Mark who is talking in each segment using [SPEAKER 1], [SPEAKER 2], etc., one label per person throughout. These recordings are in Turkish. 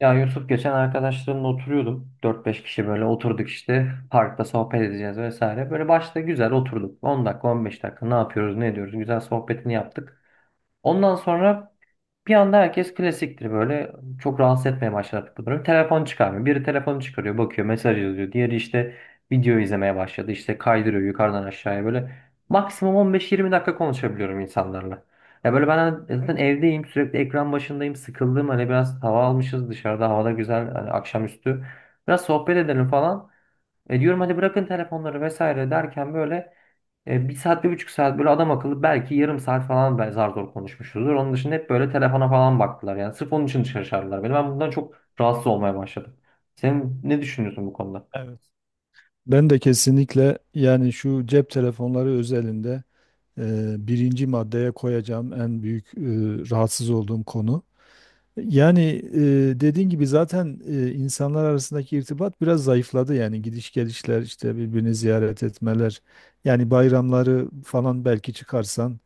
[SPEAKER 1] Ya Yusuf, geçen arkadaşlarımla oturuyordum. Dört beş kişi böyle oturduk işte. Parkta sohbet edeceğiz vesaire. Böyle başta güzel oturduk. 10 dakika, 15 dakika, ne yapıyoruz ne ediyoruz. Güzel sohbetini yaptık. Ondan sonra bir anda herkes klasiktir böyle. Çok rahatsız etmeye başladı bunları. Telefon çıkarmıyor. Biri telefonu çıkarıyor, bakıyor, mesaj yazıyor. Diğeri işte video izlemeye başladı. İşte kaydırıyor yukarıdan aşağıya böyle. Maksimum 15-20 dakika konuşabiliyorum insanlarla. Ya böyle ben zaten evdeyim, sürekli ekran başındayım, sıkıldım. Hani biraz hava almışız dışarıda, havada güzel, hani akşamüstü. Biraz sohbet edelim falan. E diyorum hadi bırakın telefonları vesaire derken böyle 1 saat, 1,5 saat böyle adam akıllı, belki yarım saat falan ben zar zor konuşmuşuzdur. Onun dışında hep böyle telefona falan baktılar. Yani sırf onun için dışarı çağırdılar beni. Ben bundan çok rahatsız olmaya başladım. Sen ne düşünüyorsun bu konuda?
[SPEAKER 2] Evet. Ben de kesinlikle yani şu cep telefonları özelinde birinci maddeye koyacağım en büyük rahatsız olduğum konu. Yani dediğin gibi zaten insanlar arasındaki irtibat biraz zayıfladı yani gidiş gelişler işte birbirini ziyaret etmeler yani bayramları falan belki çıkarsan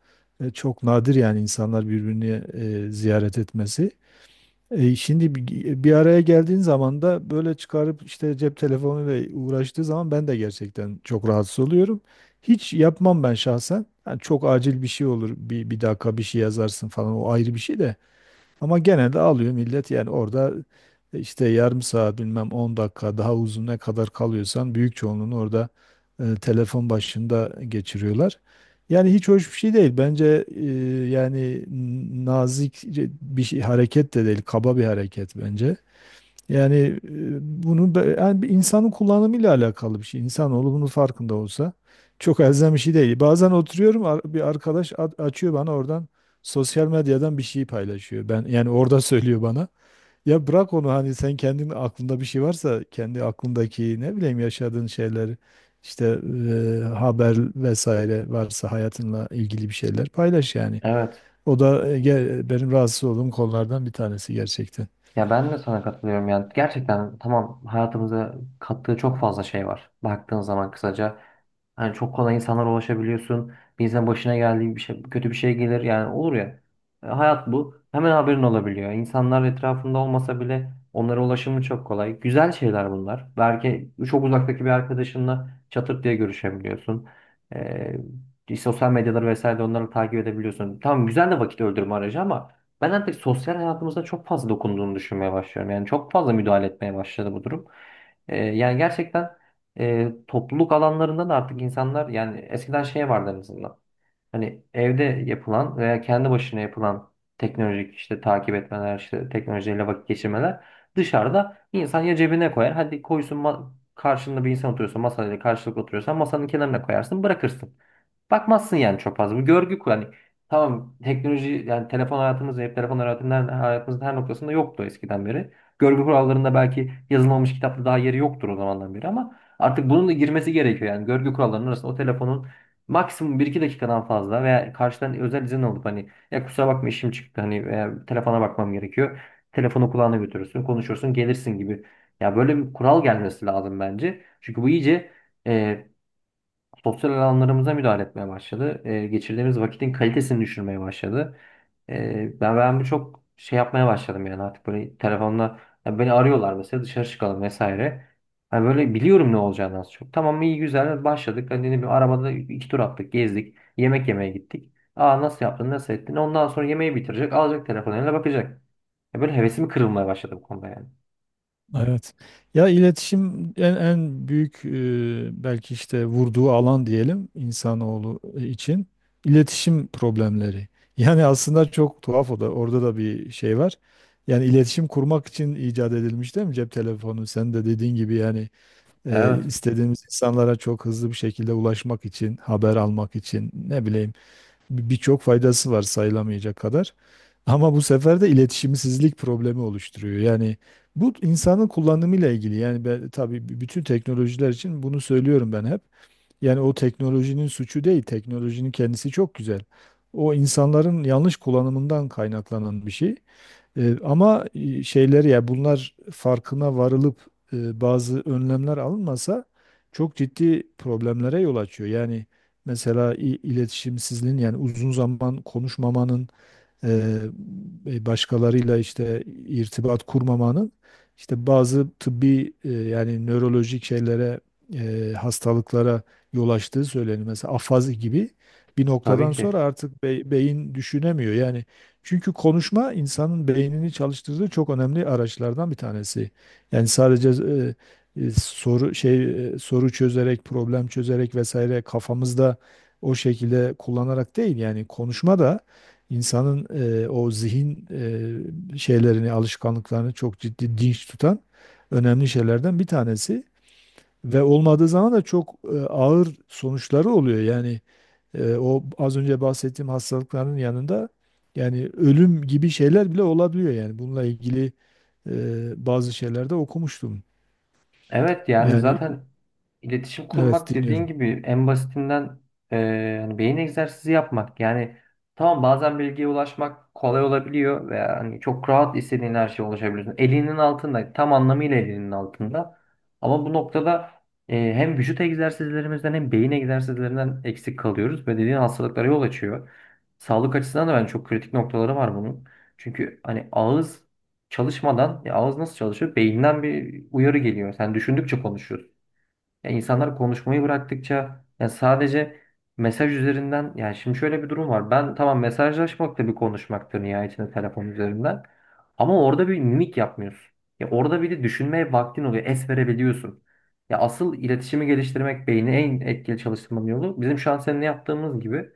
[SPEAKER 2] çok nadir yani insanlar birbirini ziyaret etmesi. Şimdi bir araya geldiğin zaman da böyle çıkarıp işte cep telefonuyla uğraştığı zaman ben de gerçekten çok rahatsız oluyorum. Hiç yapmam ben şahsen. Yani çok acil bir şey olur. Bir dakika bir şey yazarsın falan o ayrı bir şey de. Ama genelde alıyor millet yani orada işte yarım saat bilmem 10 dakika daha uzun ne kadar kalıyorsan büyük çoğunluğunu orada telefon başında geçiriyorlar. Yani hiç hoş bir şey değil. Bence yani nazik bir şey, hareket de değil, kaba bir hareket bence. Yani bunu yani bir insanın kullanımıyla alakalı bir şey. İnsanoğlu bunun farkında olsa çok elzem bir şey değil. Bazen oturuyorum bir arkadaş açıyor bana oradan sosyal medyadan bir şey paylaşıyor. Ben yani orada söylüyor bana. Ya bırak onu hani sen kendin aklında bir şey varsa kendi aklındaki ne bileyim yaşadığın şeyler işte haber vesaire varsa hayatınla ilgili bir şeyler paylaş yani.
[SPEAKER 1] Evet.
[SPEAKER 2] O da benim rahatsız olduğum konulardan bir tanesi gerçekten.
[SPEAKER 1] Ya ben de sana katılıyorum, yani gerçekten tamam, hayatımıza kattığı çok fazla şey var baktığın zaman. Kısaca hani çok kolay insanlara ulaşabiliyorsun. Bir insan, başına geldiği bir şey, kötü bir şey gelir yani, olur ya. Hayat bu, hemen haberin olabiliyor. İnsanlar etrafında olmasa bile onlara ulaşımı çok kolay. Güzel şeyler bunlar, belki çok uzaktaki bir arkadaşınla çatır diye görüşebiliyorsun, sosyal medyaları vesaire onları takip edebiliyorsun. Tamam güzel de, vakit öldürme aracı; ama ben artık sosyal hayatımızda çok fazla dokunduğunu düşünmeye başlıyorum. Yani çok fazla müdahale etmeye başladı bu durum. Yani gerçekten topluluk alanlarında da artık insanlar, yani eskiden şey vardı en azından. Hani evde yapılan veya kendi başına yapılan teknolojik işte takip etmeler, işte teknolojiyle vakit geçirmeler. Dışarıda insan ya cebine koyar. Hadi koysun, karşında bir insan oturuyorsa, masayla karşılıklı oturuyorsan masanın kenarına koyarsın, bırakırsın. Bakmazsın yani çok fazla. Bu görgü yani tamam, teknoloji yani telefon hayatımızda hep, telefon hayatımızın her noktasında yoktu eskiden beri. Görgü kurallarında belki yazılmamış, kitapta daha yeri yoktur o zamandan beri, ama artık bunun da girmesi gerekiyor yani görgü kurallarının arasında. O telefonun maksimum 1-2 dakikadan fazla, veya karşıdan özel izin alıp, hani ya kusura bakma işim çıktı, hani veya telefona bakmam gerekiyor. Telefonu kulağına götürürsün, konuşursun, gelirsin gibi. Ya böyle bir kural gelmesi lazım bence. Çünkü bu iyice sosyal alanlarımıza müdahale etmeye başladı. Geçirdiğimiz vakitin kalitesini düşürmeye başladı. Ben bu çok şey yapmaya başladım, yani artık böyle telefonla. Ya beni arıyorlar mesela, dışarı çıkalım vesaire. Hani böyle biliyorum ne olacağını az çok. Tamam iyi güzel başladık. Hani ne bileyim, arabada iki tur attık, gezdik, yemek yemeye gittik. Aa nasıl yaptın, nasıl ettin? Ondan sonra yemeği bitirecek, alacak telefonu eline bakacak. Ya böyle hevesim kırılmaya başladı bu konuda yani.
[SPEAKER 2] Evet. Ya iletişim en büyük belki işte vurduğu alan diyelim insanoğlu için iletişim problemleri. Yani aslında çok tuhaf o da orada da bir şey var. Yani iletişim kurmak için icat edilmiş değil mi cep telefonu? Sen de dediğin gibi yani
[SPEAKER 1] Evet,
[SPEAKER 2] istediğimiz insanlara çok hızlı bir şekilde ulaşmak için, haber almak için ne bileyim birçok faydası var sayılamayacak kadar. Ama bu sefer de iletişimsizlik problemi oluşturuyor. Yani bu insanın kullanımıyla ilgili. Yani ben, tabii bütün teknolojiler için bunu söylüyorum ben hep. Yani o teknolojinin suçu değil. Teknolojinin kendisi çok güzel. O insanların yanlış kullanımından kaynaklanan bir şey. Ama şeyleri ya bunlar farkına varılıp bazı önlemler alınmasa çok ciddi problemlere yol açıyor. Yani mesela iletişimsizliğin yani uzun zaman konuşmamanın e, başkalarıyla işte irtibat kurmamanın işte bazı tıbbi yani nörolojik şeylere hastalıklara yol açtığı söyleniyor. Mesela afazi gibi bir
[SPEAKER 1] tabii
[SPEAKER 2] noktadan sonra
[SPEAKER 1] ki.
[SPEAKER 2] artık beyin düşünemiyor. Yani çünkü konuşma insanın beynini çalıştırdığı çok önemli araçlardan bir tanesi. Yani sadece soru çözerek, problem çözerek vesaire kafamızda o şekilde kullanarak değil yani konuşma da İnsanın o zihin şeylerini, alışkanlıklarını çok ciddi dinç tutan önemli şeylerden bir tanesi ve olmadığı zaman da çok ağır sonuçları oluyor. Yani o az önce bahsettiğim hastalıkların yanında yani ölüm gibi şeyler bile olabiliyor yani bununla ilgili bazı şeylerde okumuştum.
[SPEAKER 1] Evet, yani
[SPEAKER 2] Yani
[SPEAKER 1] zaten iletişim
[SPEAKER 2] evet
[SPEAKER 1] kurmak dediğin
[SPEAKER 2] dinliyorum.
[SPEAKER 1] gibi en basitinden hani beyin egzersizi yapmak. Yani tamam, bazen bilgiye ulaşmak kolay olabiliyor ve hani çok rahat istediğin her şeye ulaşabiliyorsun. Elinin altında, tam anlamıyla elinin altında. Ama bu noktada hem vücut egzersizlerimizden hem beyin egzersizlerinden eksik kalıyoruz ve dediğin hastalıklara yol açıyor. Sağlık açısından da ben, çok kritik noktaları var bunun. Çünkü hani ağız çalışmadan ya, ağız nasıl çalışıyor? Beyinden bir uyarı geliyor. Sen düşündükçe konuşuyorsun. Ya insanlar konuşmayı bıraktıkça, ya sadece mesaj üzerinden, yani şimdi şöyle bir durum var. Ben tamam, mesajlaşmak da bir konuşmaktır nihayetinde, telefon üzerinden. Ama orada bir mimik yapmıyorsun. Ya orada bir de düşünmeye vaktin oluyor. Es verebiliyorsun. Ya asıl iletişimi geliştirmek, beyni en etkili çalıştırmanın yolu, bizim şu an seninle yaptığımız gibi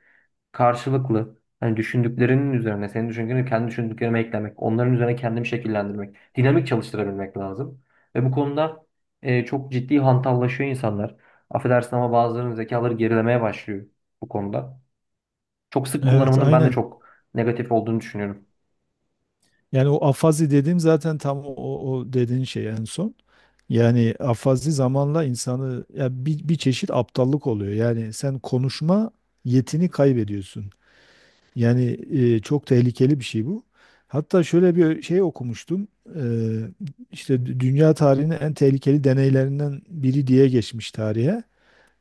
[SPEAKER 1] karşılıklı, hani düşündüklerinin üzerine senin düşündüklerini kendi düşündüklerime eklemek, onların üzerine kendimi şekillendirmek, dinamik çalıştırabilmek lazım. Ve bu konuda çok ciddi hantallaşıyor insanlar. Affedersin ama bazılarının zekaları gerilemeye başlıyor bu konuda. Çok sık
[SPEAKER 2] Evet
[SPEAKER 1] kullanımının ben de
[SPEAKER 2] aynen.
[SPEAKER 1] çok negatif olduğunu düşünüyorum.
[SPEAKER 2] Yani o afazi dediğim zaten tam o dediğin şey en son. Yani afazi zamanla insanı ya bir çeşit aptallık oluyor. Yani sen konuşma yetini kaybediyorsun. Yani çok tehlikeli bir şey bu. Hatta şöyle bir şey okumuştum. E, işte dünya tarihinin en tehlikeli deneylerinden biri diye geçmiş tarihe.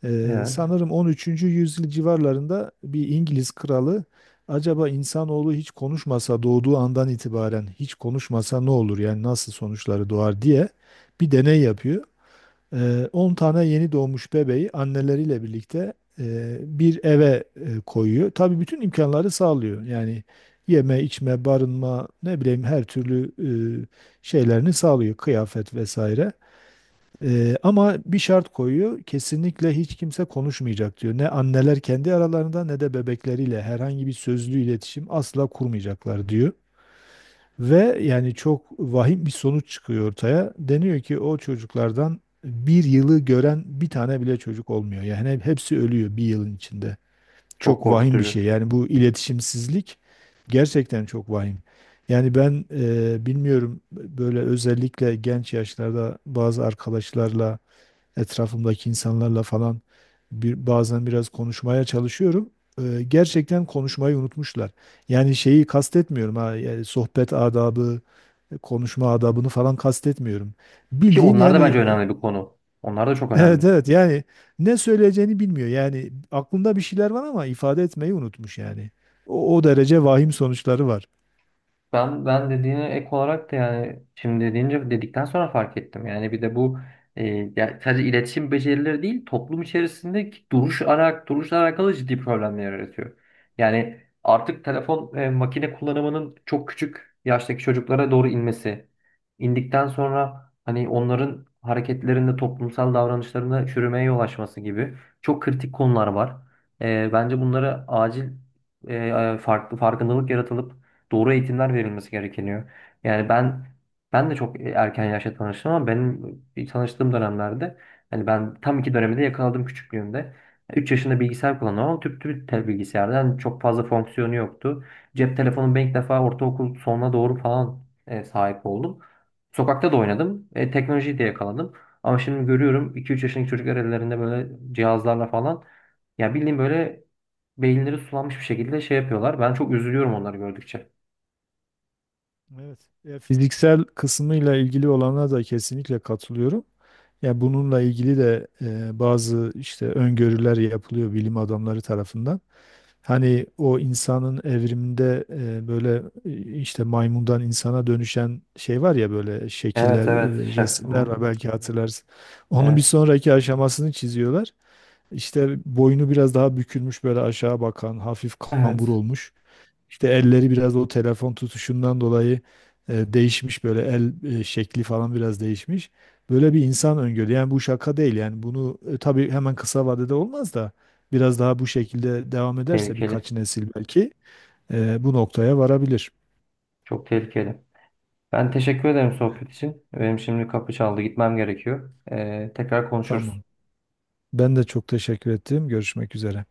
[SPEAKER 2] Ee,
[SPEAKER 1] Evet,
[SPEAKER 2] sanırım 13. yüzyıl civarlarında bir İngiliz kralı acaba insanoğlu hiç konuşmasa doğduğu andan itibaren hiç konuşmasa ne olur yani nasıl sonuçları doğar diye bir deney yapıyor. 10 tane yeni doğmuş bebeği anneleriyle birlikte bir eve koyuyor. Tabii bütün imkanları sağlıyor. Yani yeme, içme, barınma, ne bileyim her türlü şeylerini sağlıyor, kıyafet vesaire. Ama bir şart koyuyor. Kesinlikle hiç kimse konuşmayacak diyor. Ne anneler kendi aralarında ne de bebekleriyle herhangi bir sözlü iletişim asla kurmayacaklar diyor. Ve yani çok vahim bir sonuç çıkıyor ortaya. Deniyor ki o çocuklardan bir yılı gören bir tane bile çocuk olmuyor. Yani hepsi ölüyor bir yılın içinde.
[SPEAKER 1] çok
[SPEAKER 2] Çok vahim bir
[SPEAKER 1] korkutucu.
[SPEAKER 2] şey. Yani bu iletişimsizlik gerçekten çok vahim. Yani ben bilmiyorum böyle özellikle genç yaşlarda bazı arkadaşlarla etrafımdaki insanlarla falan bazen biraz konuşmaya çalışıyorum. Gerçekten konuşmayı unutmuşlar. Yani şeyi kastetmiyorum ha, yani sohbet adabı, konuşma adabını falan kastetmiyorum.
[SPEAKER 1] Ki
[SPEAKER 2] Bildiğin
[SPEAKER 1] onlar da
[SPEAKER 2] yani
[SPEAKER 1] bence önemli bir konu. Onlar da çok
[SPEAKER 2] evet
[SPEAKER 1] önemli.
[SPEAKER 2] evet yani ne söyleyeceğini bilmiyor. Yani aklında bir şeyler var ama ifade etmeyi unutmuş yani. O derece vahim sonuçları var.
[SPEAKER 1] Ben dediğine ek olarak da, yani şimdi deyince, dedikten sonra fark ettim. Yani bir de bu, e, ya sadece iletişim becerileri değil, toplum içerisindeki duruşla alakalı ciddi problemler yaratıyor. Yani artık telefon, makine kullanımının çok küçük yaştaki çocuklara doğru inmesi, indikten sonra hani onların hareketlerinde, toplumsal davranışlarında çürümeye yol açması gibi çok kritik konular var. Bence bunları acil, farklı farkındalık yaratılıp doğru eğitimler verilmesi gerekiyor. Yani ben de çok erken yaşta tanıştım, ama benim tanıştığım dönemlerde hani ben tam iki dönemi de yakaladım küçüklüğümde. 3 yaşında bilgisayar kullanıyorum, ama tüp tüp tel bilgisayardan, yani çok fazla fonksiyonu yoktu. Cep telefonum ben ilk defa ortaokul sonuna doğru falan sahip oldum. Sokakta da oynadım. Teknolojiyi de yakaladım. Ama şimdi görüyorum 2-3 yaşındaki çocuklar ellerinde böyle cihazlarla falan, ya bildiğin böyle beyinleri sulanmış bir şekilde şey yapıyorlar. Ben çok üzülüyorum onları gördükçe.
[SPEAKER 2] Evet. Ya, fiziksel kısmıyla ilgili olana da kesinlikle katılıyorum. Ya bununla ilgili de bazı işte öngörüler yapılıyor bilim adamları tarafından. Hani o insanın evriminde böyle işte maymundan insana dönüşen şey var ya böyle şekiller,
[SPEAKER 1] Evet, evet,
[SPEAKER 2] resimler var belki hatırlarsın. Onun bir
[SPEAKER 1] evet,
[SPEAKER 2] sonraki aşamasını çiziyorlar. İşte boynu biraz daha bükülmüş böyle aşağı bakan hafif kambur
[SPEAKER 1] evet,
[SPEAKER 2] olmuş. İşte elleri biraz o telefon tutuşundan dolayı değişmiş böyle el şekli falan biraz değişmiş. Böyle bir insan öngörüyor. Yani bu şaka değil yani bunu tabii hemen kısa vadede olmaz da biraz daha bu şekilde devam ederse
[SPEAKER 1] tehlikeli,
[SPEAKER 2] birkaç nesil belki bu noktaya varabilir.
[SPEAKER 1] çok tehlikeli. Ben teşekkür ederim sohbet için. Benim şimdi kapı çaldı, gitmem gerekiyor. Tekrar konuşuruz.
[SPEAKER 2] Tamam. Ben de çok teşekkür ettim. Görüşmek üzere.